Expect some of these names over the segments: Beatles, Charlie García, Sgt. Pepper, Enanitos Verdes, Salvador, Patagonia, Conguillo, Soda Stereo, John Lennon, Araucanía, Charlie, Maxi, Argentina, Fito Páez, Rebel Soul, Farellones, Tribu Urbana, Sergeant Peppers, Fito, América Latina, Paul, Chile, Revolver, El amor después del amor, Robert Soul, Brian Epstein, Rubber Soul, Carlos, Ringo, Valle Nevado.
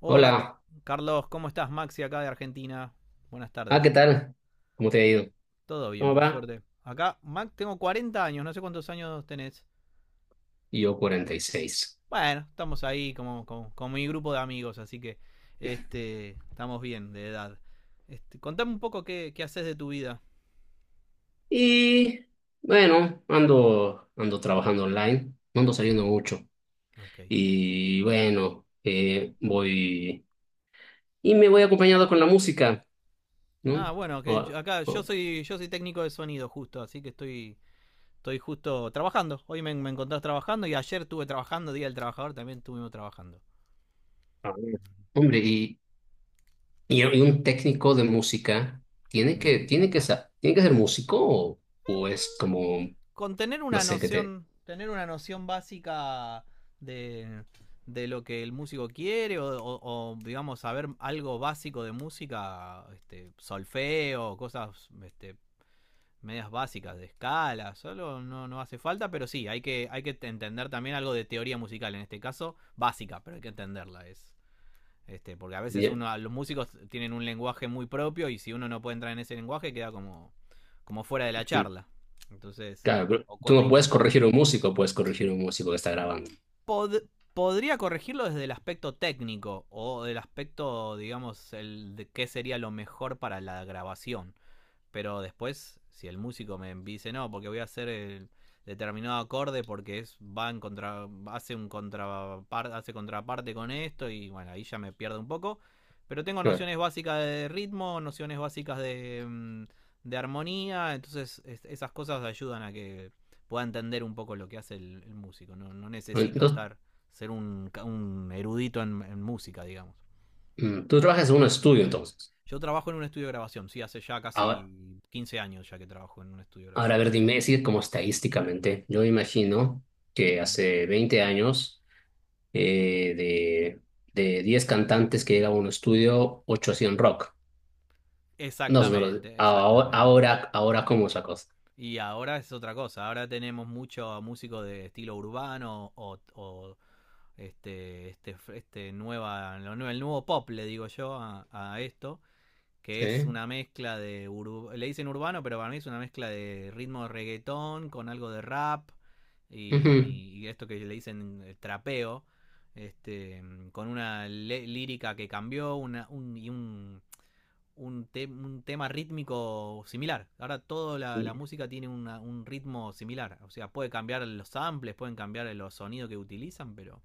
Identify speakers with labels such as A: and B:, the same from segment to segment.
A: Hola,
B: Hola,
A: Carlos, ¿cómo estás? Maxi acá de Argentina. Buenas
B: ¿qué
A: tardes.
B: tal? ¿Cómo te ha ido?
A: Todo bien,
B: ¿Cómo
A: por
B: va?
A: suerte. Acá, Max, tengo 40 años, no sé cuántos años tenés.
B: Y yo 46.
A: Bueno, estamos ahí con mi grupo de amigos, así que estamos bien de edad. Contame un poco qué haces de tu vida.
B: Y seis. Y bueno, ando trabajando online, no ando saliendo mucho.
A: Ok.
B: Y bueno, voy y me voy acompañado con la música,
A: Ah,
B: ¿no?
A: bueno,
B: O-
A: acá yo
B: o-
A: soy yo soy técnico de sonido justo, así que estoy justo trabajando. Hoy me encontrás trabajando y ayer estuve trabajando, Día del Trabajador, también estuvimos trabajando.
B: a ver, hombre, y un técnico de música tiene que ser músico o, es como,
A: Con
B: no sé, qué te...
A: tener una noción básica de, de lo que el músico quiere digamos saber algo básico de música, solfeo, medias básicas de escala, solo no, no hace falta, pero sí, hay que entender también algo de teoría musical, en este caso básica, pero hay que entenderla, porque a veces
B: Ya,
A: uno, los músicos tienen un lenguaje muy propio y si uno no puede entrar en ese lenguaje queda como fuera de la
B: mm,
A: charla. Entonces,
B: claro, pero
A: o
B: tú
A: cuesta
B: no puedes
A: interpretar.
B: corregir a un músico, puedes corregir a un músico que está grabando.
A: Pod- Podría corregirlo desde el aspecto técnico o del aspecto, digamos, el de qué sería lo mejor para la grabación. Pero después, si el músico me dice, no, porque voy a hacer el determinado acorde porque es, va en contra, hace contraparte con esto y bueno, ahí ya me pierdo un poco. Pero tengo
B: Claro.
A: nociones básicas de ritmo, nociones básicas de armonía, entonces esas cosas ayudan a que pueda entender un poco lo que hace el músico. No, no necesito
B: Entonces,
A: estar, ser un erudito en música, digamos.
B: tú trabajas en un estudio, entonces.
A: Yo trabajo en un estudio de grabación, sí, hace ya
B: Ahora,
A: casi 15 años ya que trabajo en un estudio de
B: ahora, a
A: grabación.
B: ver, dime, si como estadísticamente, yo imagino que
A: Ujú.
B: hace 20 años, de, 10 cantantes que llegaban a un estudio, 8 hacían rock. No,
A: Exactamente, exactamente.
B: ahora como esa cosa.
A: Y ahora es otra cosa, ahora tenemos mucho músico de estilo urbano o el nuevo pop, le digo yo, a esto. Que es
B: Sí.
A: una mezcla de... ur- le dicen urbano, pero para mí es una mezcla de ritmo de reggaetón con algo de rap
B: Ujú.
A: y esto que le dicen trapeo, este, lírica que cambió una, un, y un, un, te- un tema rítmico similar. Ahora toda la
B: Y,
A: música tiene un ritmo similar, o sea, puede cambiar los samples, pueden cambiar los sonidos que utilizan, pero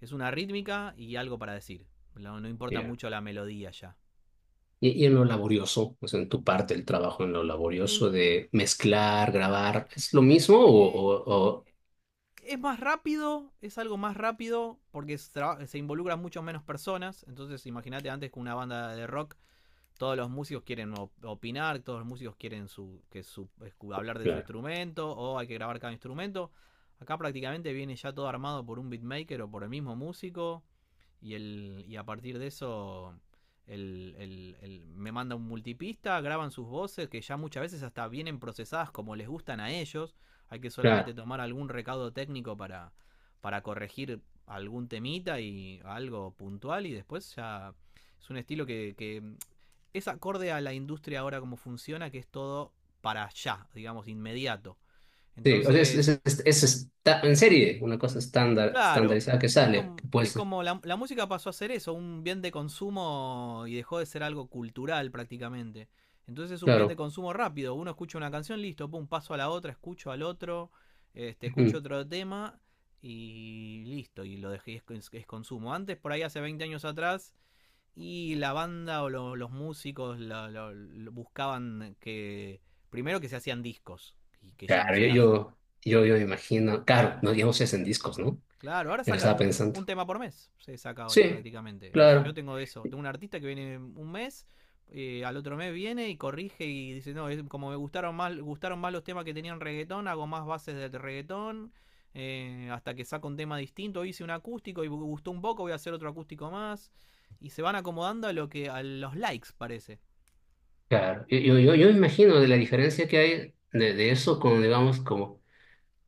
A: es una rítmica y algo para decir. No, no importa
B: yeah.
A: mucho la melodía ya.
B: Y en lo laborioso, o sea, en tu parte el trabajo, en lo
A: En-
B: laborioso de mezclar, grabar, ¿es lo mismo o...?
A: eh,
B: O, o...
A: es más rápido, es algo más rápido se involucran mucho menos personas. Entonces, imagínate antes con una banda de rock todos los músicos quieren opinar, todos los músicos quieren hablar de su
B: Claro,
A: instrumento o hay que grabar cada instrumento. Acá prácticamente viene ya todo armado por un beatmaker o por el mismo músico y a partir de eso me manda un multipista, graban sus voces que ya muchas veces hasta vienen procesadas como les gustan a ellos. Hay que solamente
B: claro.
A: tomar algún recaudo técnico para corregir algún temita y algo puntual y después ya es un estilo que es acorde a la industria ahora como funciona, que es todo para allá, digamos, inmediato.
B: Sí, o sea,
A: Entonces,
B: en serie, una
A: mm,
B: cosa estándar,
A: claro,
B: estandarizada que sale, que puede
A: es
B: ser,
A: como la música pasó a ser eso, un bien de consumo y dejó de ser algo cultural prácticamente. Entonces es un bien de
B: claro.
A: consumo rápido. Uno escucha una canción, listo, pum, paso a la otra, escucho al otro, escucho
B: Ujú.
A: otro tema y listo, y lo dejé, es consumo. Antes, por ahí hace 20 años atrás, y la banda o los músicos buscaban que. Primero que se hacían discos y que ya no
B: Claro,
A: se hacen.
B: yo me imagino, claro, no, digamos es en discos, ¿no?
A: Claro, ahora
B: Yo lo
A: sacan
B: estaba pensando.
A: un tema por mes. Se saca ahora
B: Sí,
A: prácticamente. Yo
B: claro,
A: tengo eso. Tengo un artista que viene un mes, al otro mes viene y corrige y dice: No, es, como me gustaron más los temas que tenían reggaetón, hago más bases de reggaetón. Hasta que saco un tema distinto. Hice un acústico y gustó un poco, voy a hacer otro acústico más. Y se van acomodando a lo que a los likes, parece.
B: claro. Yo me imagino de la diferencia que hay de, eso con, digamos, como,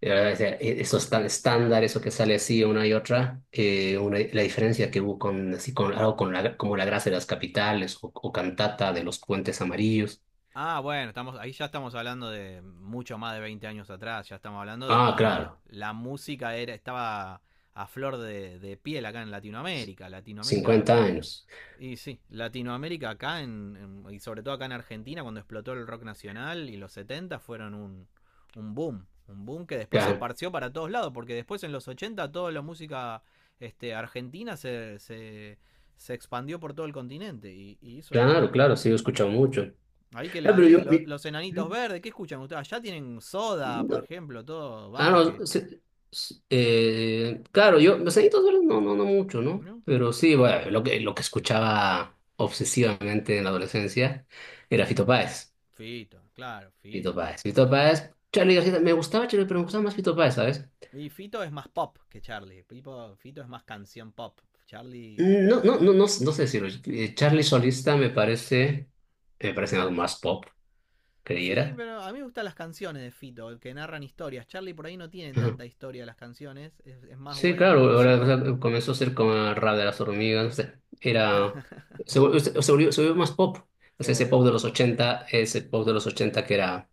B: o sea, eso es tan estándar, eso que sale así una y otra,
A: Ujú.
B: la diferencia que hubo con, así, con algo con la, como la grasa de las capitales o, cantata de los puentes amarillos.
A: Ah, bueno, estamos, ahí ya estamos hablando de mucho más de 20 años atrás, ya estamos hablando de
B: Ah,
A: cuando
B: claro.
A: la música era, estaba a flor piel acá en Latinoamérica. Latinoamérica,
B: Cincuenta años.
A: y sí, Latinoamérica acá y sobre todo acá en Argentina, cuando explotó el rock nacional y los 70 fueron un boom. Un boom que después se
B: Claro,
A: esparció para todos lados, porque después en los 80 toda la música argentina se expandió por todo el continente y
B: claro,
A: hizo.
B: claro, sí, he escuchado mucho.
A: Ahí que le,
B: Ah, pero
A: ahí
B: yo...
A: enanitos verdes, ¿qué escuchan ustedes? Allá tienen soda, por
B: no,
A: ejemplo, todo, bandas que.
B: no, claro, yo, los añitos verdes no, no, no mucho, ¿no?
A: ¿No?
B: Pero sí, bueno, lo que escuchaba obsesivamente en la adolescencia era Fito Páez.
A: Fito, claro,
B: Fito
A: Fito.
B: Páez, Fito Páez, Charlie García, me gustaba Charlie, pero me gustaba más Fito Páez, ¿sabes?
A: Y Fito es más pop que Charlie. Fito es más canción pop. Charlie.
B: Mm, no, no, no, no, no sé decirlo. Charlie Solista me parece, algo más pop,
A: Sí,
B: creyera.
A: pero a mí me gustan las canciones de Fito, que narran historias. Charlie por ahí no tiene tanta historia las canciones, es más
B: Sí,
A: buen
B: claro, ahora, o
A: músico.
B: sea, comenzó a ser como el rap de las hormigas, o sea, era, se, vol- se se volvió más pop, o
A: Se
B: sea, ese
A: volvió
B: pop de
A: más
B: los
A: pop.
B: 80 que era,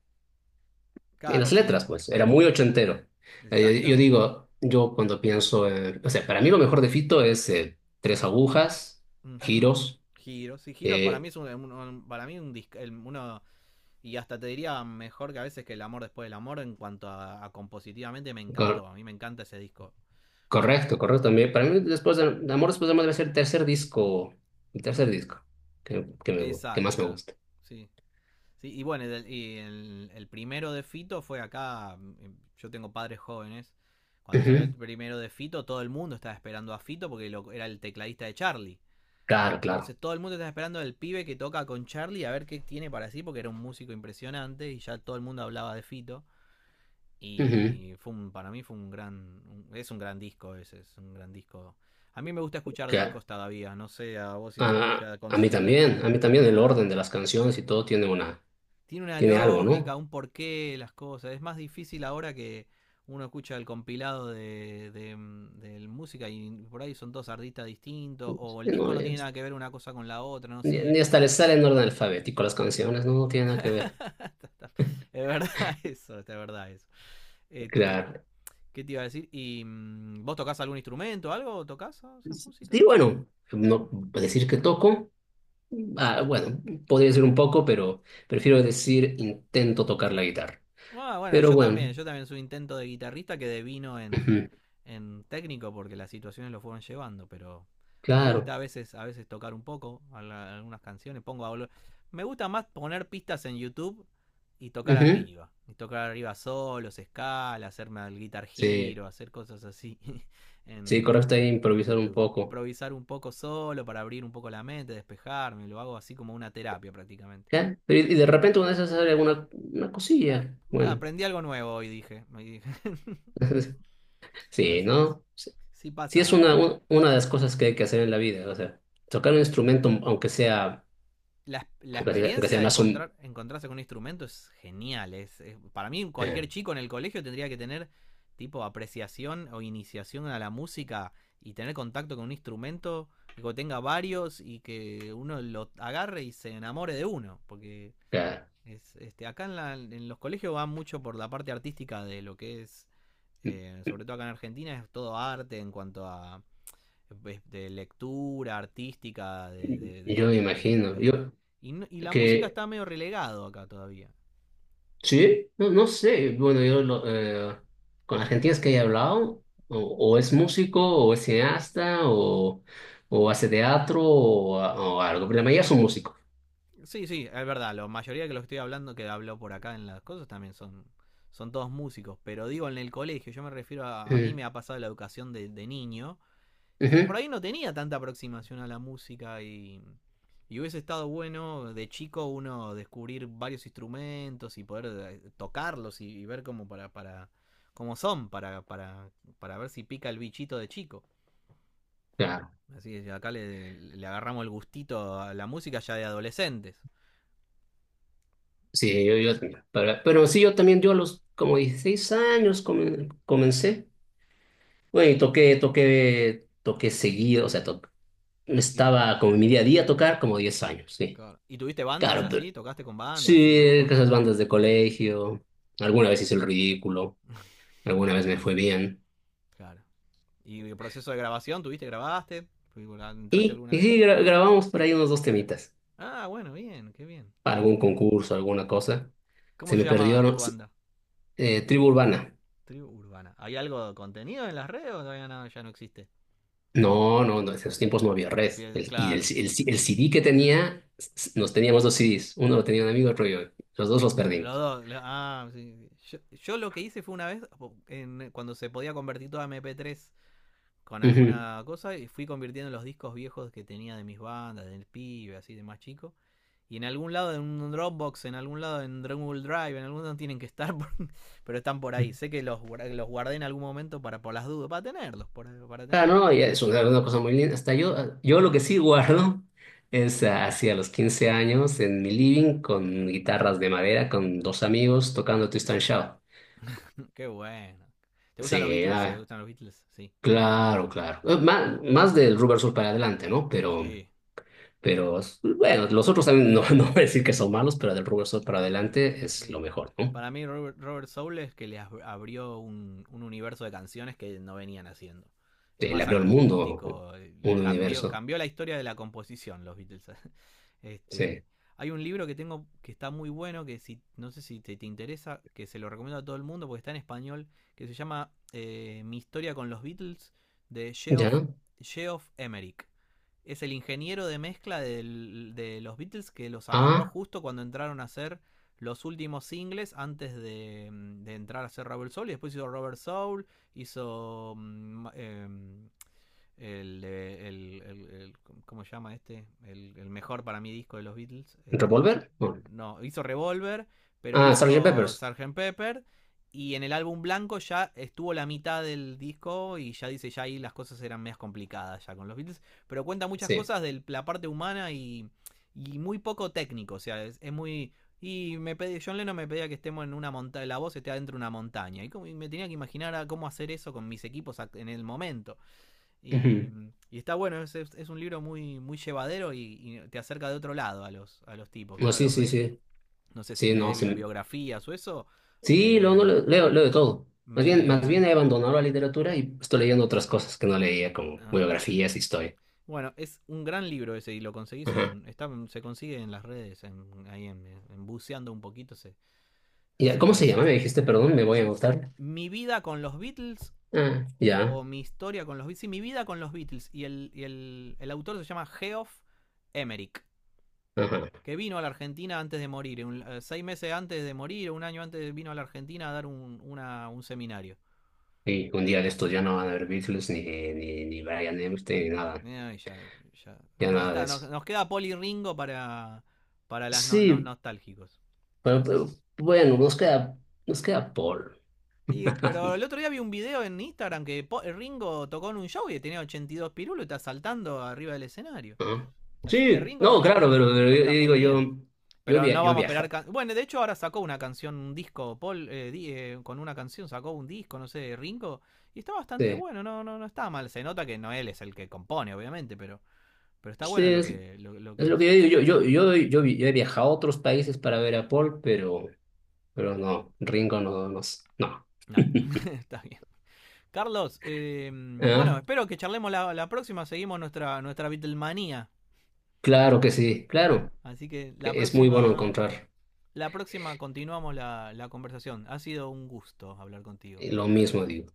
B: en
A: Claro,
B: las
A: sí,
B: letras, pues, era muy ochentero. Yo
A: exactamente.
B: digo, yo cuando pienso, o sea, para mí lo mejor de Fito es tres agujas,
A: Ujú.
B: giros,
A: Giros, sí, Giros para
B: eh,
A: mí es para mí un uno. Y hasta te diría mejor que a veces que El amor después del amor en cuanto a compositivamente me
B: cor-
A: encantó. A mí me encanta ese disco.
B: correcto, correcto, también, para mí después de, Amor después de Amor debe ser el tercer disco, el
A: Hmm.
B: tercer disco que
A: Exacto,
B: más me
A: claro.
B: gusta.
A: Sí. Sí y bueno, el primero de Fito fue acá. Yo tengo padres jóvenes. Cuando salió
B: Ujú,
A: el primero de Fito, todo el mundo estaba esperando a Fito porque era el tecladista de Charlie.
B: claro, claro.
A: Entonces todo el mundo estaba esperando al pibe que toca con Charlie a ver qué tiene para sí porque era un músico impresionante y ya todo el mundo hablaba de Fito.
B: Ujú.
A: Y fue para mí fue un gran. Es un gran disco ese, es un gran disco. A mí me gusta escuchar
B: Claro.
A: discos todavía, no sé, a vos si
B: A,
A: ya
B: a mí
A: consumís.
B: también, a mí también el
A: Ah,
B: orden de las canciones y todo
A: tiene una
B: tiene algo, ¿no?
A: lógica, un porqué, las cosas. Es más difícil ahora que uno escucha el compilado de música y por ahí son dos artistas distintos, o el
B: No,
A: disco no tiene nada que ver una cosa con la otra, no
B: ni,
A: sigue.
B: hasta les sale en orden alfabético las canciones, no, no tiene nada que ver.
A: Es verdad eso, es verdad eso. Que
B: Claro.
A: ¿qué te iba a decir? ¿Y vos tocás algún instrumento, algo? ¿Tocás? ¿Haces música?
B: Sí, bueno, no decir que toco, bueno, podría decir un poco, pero prefiero decir intento tocar la guitarra.
A: Ah, bueno,
B: Pero bueno,
A: yo también soy intento de guitarrista que devino
B: ujú,
A: en técnico porque las situaciones lo fueron llevando, pero me gusta
B: claro.
A: a veces tocar un poco a algunas canciones, me gusta más poner pistas en YouTube
B: Ujú,
A: y tocar arriba solos, escala, hacerme el guitar
B: sí,
A: giro, hacer cosas así
B: sí,
A: en,
B: correcto, ahí
A: en
B: improvisar un
A: YouTube,
B: poco.
A: improvisar un poco solo para abrir un poco la mente, despejarme, lo hago así como una terapia prácticamente.
B: ¿Ya? Pero y de repente una de sale alguna una
A: Eh,
B: cosilla. Bueno.
A: aprendí algo nuevo hoy, dije. Me dije.
B: Sí,
A: Así que sí,
B: ¿no?
A: sí
B: Sí, es
A: pasa.
B: una, una de las cosas que hay que hacer en la vida, o sea, tocar un
A: Y
B: instrumento,
A: la
B: aunque
A: experiencia
B: sea
A: de
B: más un...
A: encontrar, encontrarse con un instrumento es genial. Para mí, cualquier
B: eh,
A: chico en el colegio tendría que tener tipo apreciación o iniciación a la música y tener contacto con un instrumento que tenga varios y que uno lo agarre y se enamore de uno. Porque
B: o sea,
A: acá en los colegios va mucho por la parte artística de lo que es, sobre todo acá en Argentina, es todo arte en cuanto a de lectura artística,
B: yo me imagino, yo
A: y no, y la música
B: que...
A: está medio relegado acá todavía.
B: Sí, no, no sé, bueno, yo lo, con argentinos que he hablado, o es músico, o es cineasta, o hace teatro, o algo, pero la mayoría son músicos.
A: Sí, sí, es verdad, la mayoría que lo estoy hablando, que hablo por acá en las cosas, también son, son todos músicos, pero digo en el colegio, yo me refiero a mí
B: Mm,
A: me ha pasado la educación de niño, y que por
B: ujú,
A: ahí no tenía tanta aproximación a la música y hubiese estado bueno de chico uno descubrir varios instrumentos y poder tocarlos y ver cómo para cómo son para ver si pica el bichito de chico.
B: claro,
A: Así es, acá le agarramos el gustito a la música ya de adolescentes.
B: sí, pero sí, yo también, yo a los como 16 años comencé. Güey, toqué seguido, o sea,
A: ¿Y, tu-
B: estaba como en mi día a día tocar como 10 años, sí.
A: Claro. ¿Y tuviste bandas
B: Claro, pero
A: así? ¿Tocaste con
B: sí,
A: bandas, así, en
B: que
A: grupos?
B: esas bandas de colegio, alguna vez hice el ridículo, alguna vez me fue bien.
A: Claro. ¿Y el proceso de grabación? ¿Tuviste, grabaste? ¿Entraste
B: Y,
A: alguna
B: y
A: vez?
B: sí, grabamos por ahí unos dos temitas,
A: Ah, bueno, bien, qué bien.
B: para
A: Te-
B: algún concurso, alguna cosa.
A: ¿Cómo
B: Se
A: se
B: me
A: llama
B: perdió, ¿no?
A: tu banda?
B: Tribu Urbana.
A: Tribu Urbana. ¿Hay algo de contenido en las redes o todavía no, ya no existe?
B: No, no, no, en esos tiempos no había red. Y
A: Claro, te-
B: el CD que tenía, nos teníamos dos CDs, uno lo tenía un amigo, otro yo. Los dos los
A: los
B: perdimos.
A: dos. Lo- ah, sí, sí. Yo lo que hice fue una vez, cuando se podía convertir toda MP3 con
B: Ujú.
A: alguna cosa, y fui convirtiendo los discos viejos que tenía de mis bandas, del pibe, así de más chico. Y en algún lado, en un Dropbox, en algún lado, en Google Drive, en algún lado tienen que estar, por- pero están por ahí. Sé que los guardé en algún momento para por las dudas, para tenerlos, para
B: Ah,
A: tenerlos.
B: no, ya es una cosa muy linda. Hasta yo, yo lo que sí guardo es hacia los 15 años en mi living con guitarras de madera, con dos amigos tocando Twist and Shout.
A: Qué bueno. ¿Te gustan los
B: Sí,
A: Beatles? ¿Te gustan los Beatles? Sí.
B: claro, claro. Más del Rubber Soul para adelante, ¿no? Pero,
A: Sí.
B: bueno, los otros también no, no voy a decir que son malos, pero del Rubber Soul para adelante es lo
A: Eh,
B: mejor, ¿no?
A: para mí Robert Soul es que le abrió un universo de canciones que no venían haciendo. Es
B: Sí, le
A: más
B: abrió el mundo,
A: acústico,
B: un universo.
A: cambió la historia de la composición, los Beatles. Este,
B: Sí.
A: hay un libro que tengo que está muy bueno, que si, no sé si te interesa, que se lo recomiendo a todo el mundo porque está en español, que se llama Mi historia con los Beatles de
B: ¿Ya?
A: Geoff Emerick. Es el ingeniero de mezcla de los Beatles que los agarró
B: Ah,
A: justo cuando entraron a hacer los últimos singles antes de, de entrar a hacer Rebel Soul. Y después hizo Robert Soul, hizo el, el, el- el- ¿cómo se llama este? El mejor para mí disco de los Beatles.
B: ¿Revolver? No.
A: No, hizo Revolver, pero
B: Ah, Sergeant
A: hizo
B: Peppers.
A: Sgt. Pepper. Y en el álbum blanco ya estuvo la mitad del disco y ya dice, ya ahí las cosas eran más complicadas ya con los Beatles. Pero cuenta muchas
B: Sí.
A: cosas de la parte humana y muy poco técnico. O sea, es muy... Y me pedí, John Lennon me pedía que estemos en una montaña, la voz esté adentro de una montaña. Y, y me tenía que imaginar a cómo hacer eso con mis equipos en el momento. Y, y está bueno, un libro muy, muy llevadero y te acerca de otro lado a a los tipos.
B: No,
A: Uno
B: sí,
A: los
B: sí,
A: ve,
B: sí.
A: no sé si
B: Sí, no,
A: lees
B: sí.
A: biografías o eso.
B: Sí, luego
A: Eh,
B: no leo, leo de todo. Más
A: me.
B: bien he abandonado la literatura y estoy leyendo otras cosas que no leía, como
A: Ah.
B: biografías, historia.
A: Bueno, es un gran libro ese y lo conseguís
B: Ajá.
A: en. Está, se consigue en las redes, en, ahí en buceando un poquito
B: Ya,
A: se
B: ¿cómo se llama? Me
A: consigue.
B: dijiste, perdón, me voy a
A: M-
B: gustar.
A: Mi vida con los Beatles
B: Ah, ya.
A: o mi historia con los Beatles. Sí, mi vida con los Beatles. Y el autor se llama Geoff Emerick,
B: Ajá.
A: que vino a la Argentina antes de morir, 6 meses antes de morir, un año antes vino a la Argentina a dar un seminario.
B: Y un día de estos ya no van a haber Beatles, ni Brian Epstein, ni nada.
A: Ay, ya,
B: Ya
A: ya.
B: nada de
A: Está,
B: eso.
A: nos queda Poli Ringo para las los
B: Sí,
A: nostálgicos.
B: pero, bueno, nos queda Paul.
A: Pero el otro día vi un video en Instagram que Ringo tocó en un show y tenía 82 pirulos y está saltando arriba del escenario.
B: Ah.
A: Así que
B: Sí, no, claro, pero
A: Ringo
B: yo
A: está muy
B: digo,
A: bien. Pero no
B: yo
A: vamos a esperar.
B: viaja.
A: Bueno, de hecho, ahora sacó una canción, un disco, Paul, con una canción sacó un disco, no sé, Ringo, y está bastante
B: Sí.
A: bueno, no está mal. Se nota que no él es el que compone, obviamente, pero está
B: Sí,
A: bueno lo que
B: es lo que
A: hizo.
B: yo digo, yo he viajado a otros países para ver a Paul, pero no, Ringo no, no, no.
A: No, está bien. Carlos, bueno,
B: ¿Ah?
A: espero que charlemos la próxima. Seguimos nuestra Beatlemanía.
B: Claro que sí, claro,
A: Así que
B: que es muy bueno encontrar
A: la próxima continuamos la conversación. Ha sido un gusto hablar contigo.
B: lo mismo, digo.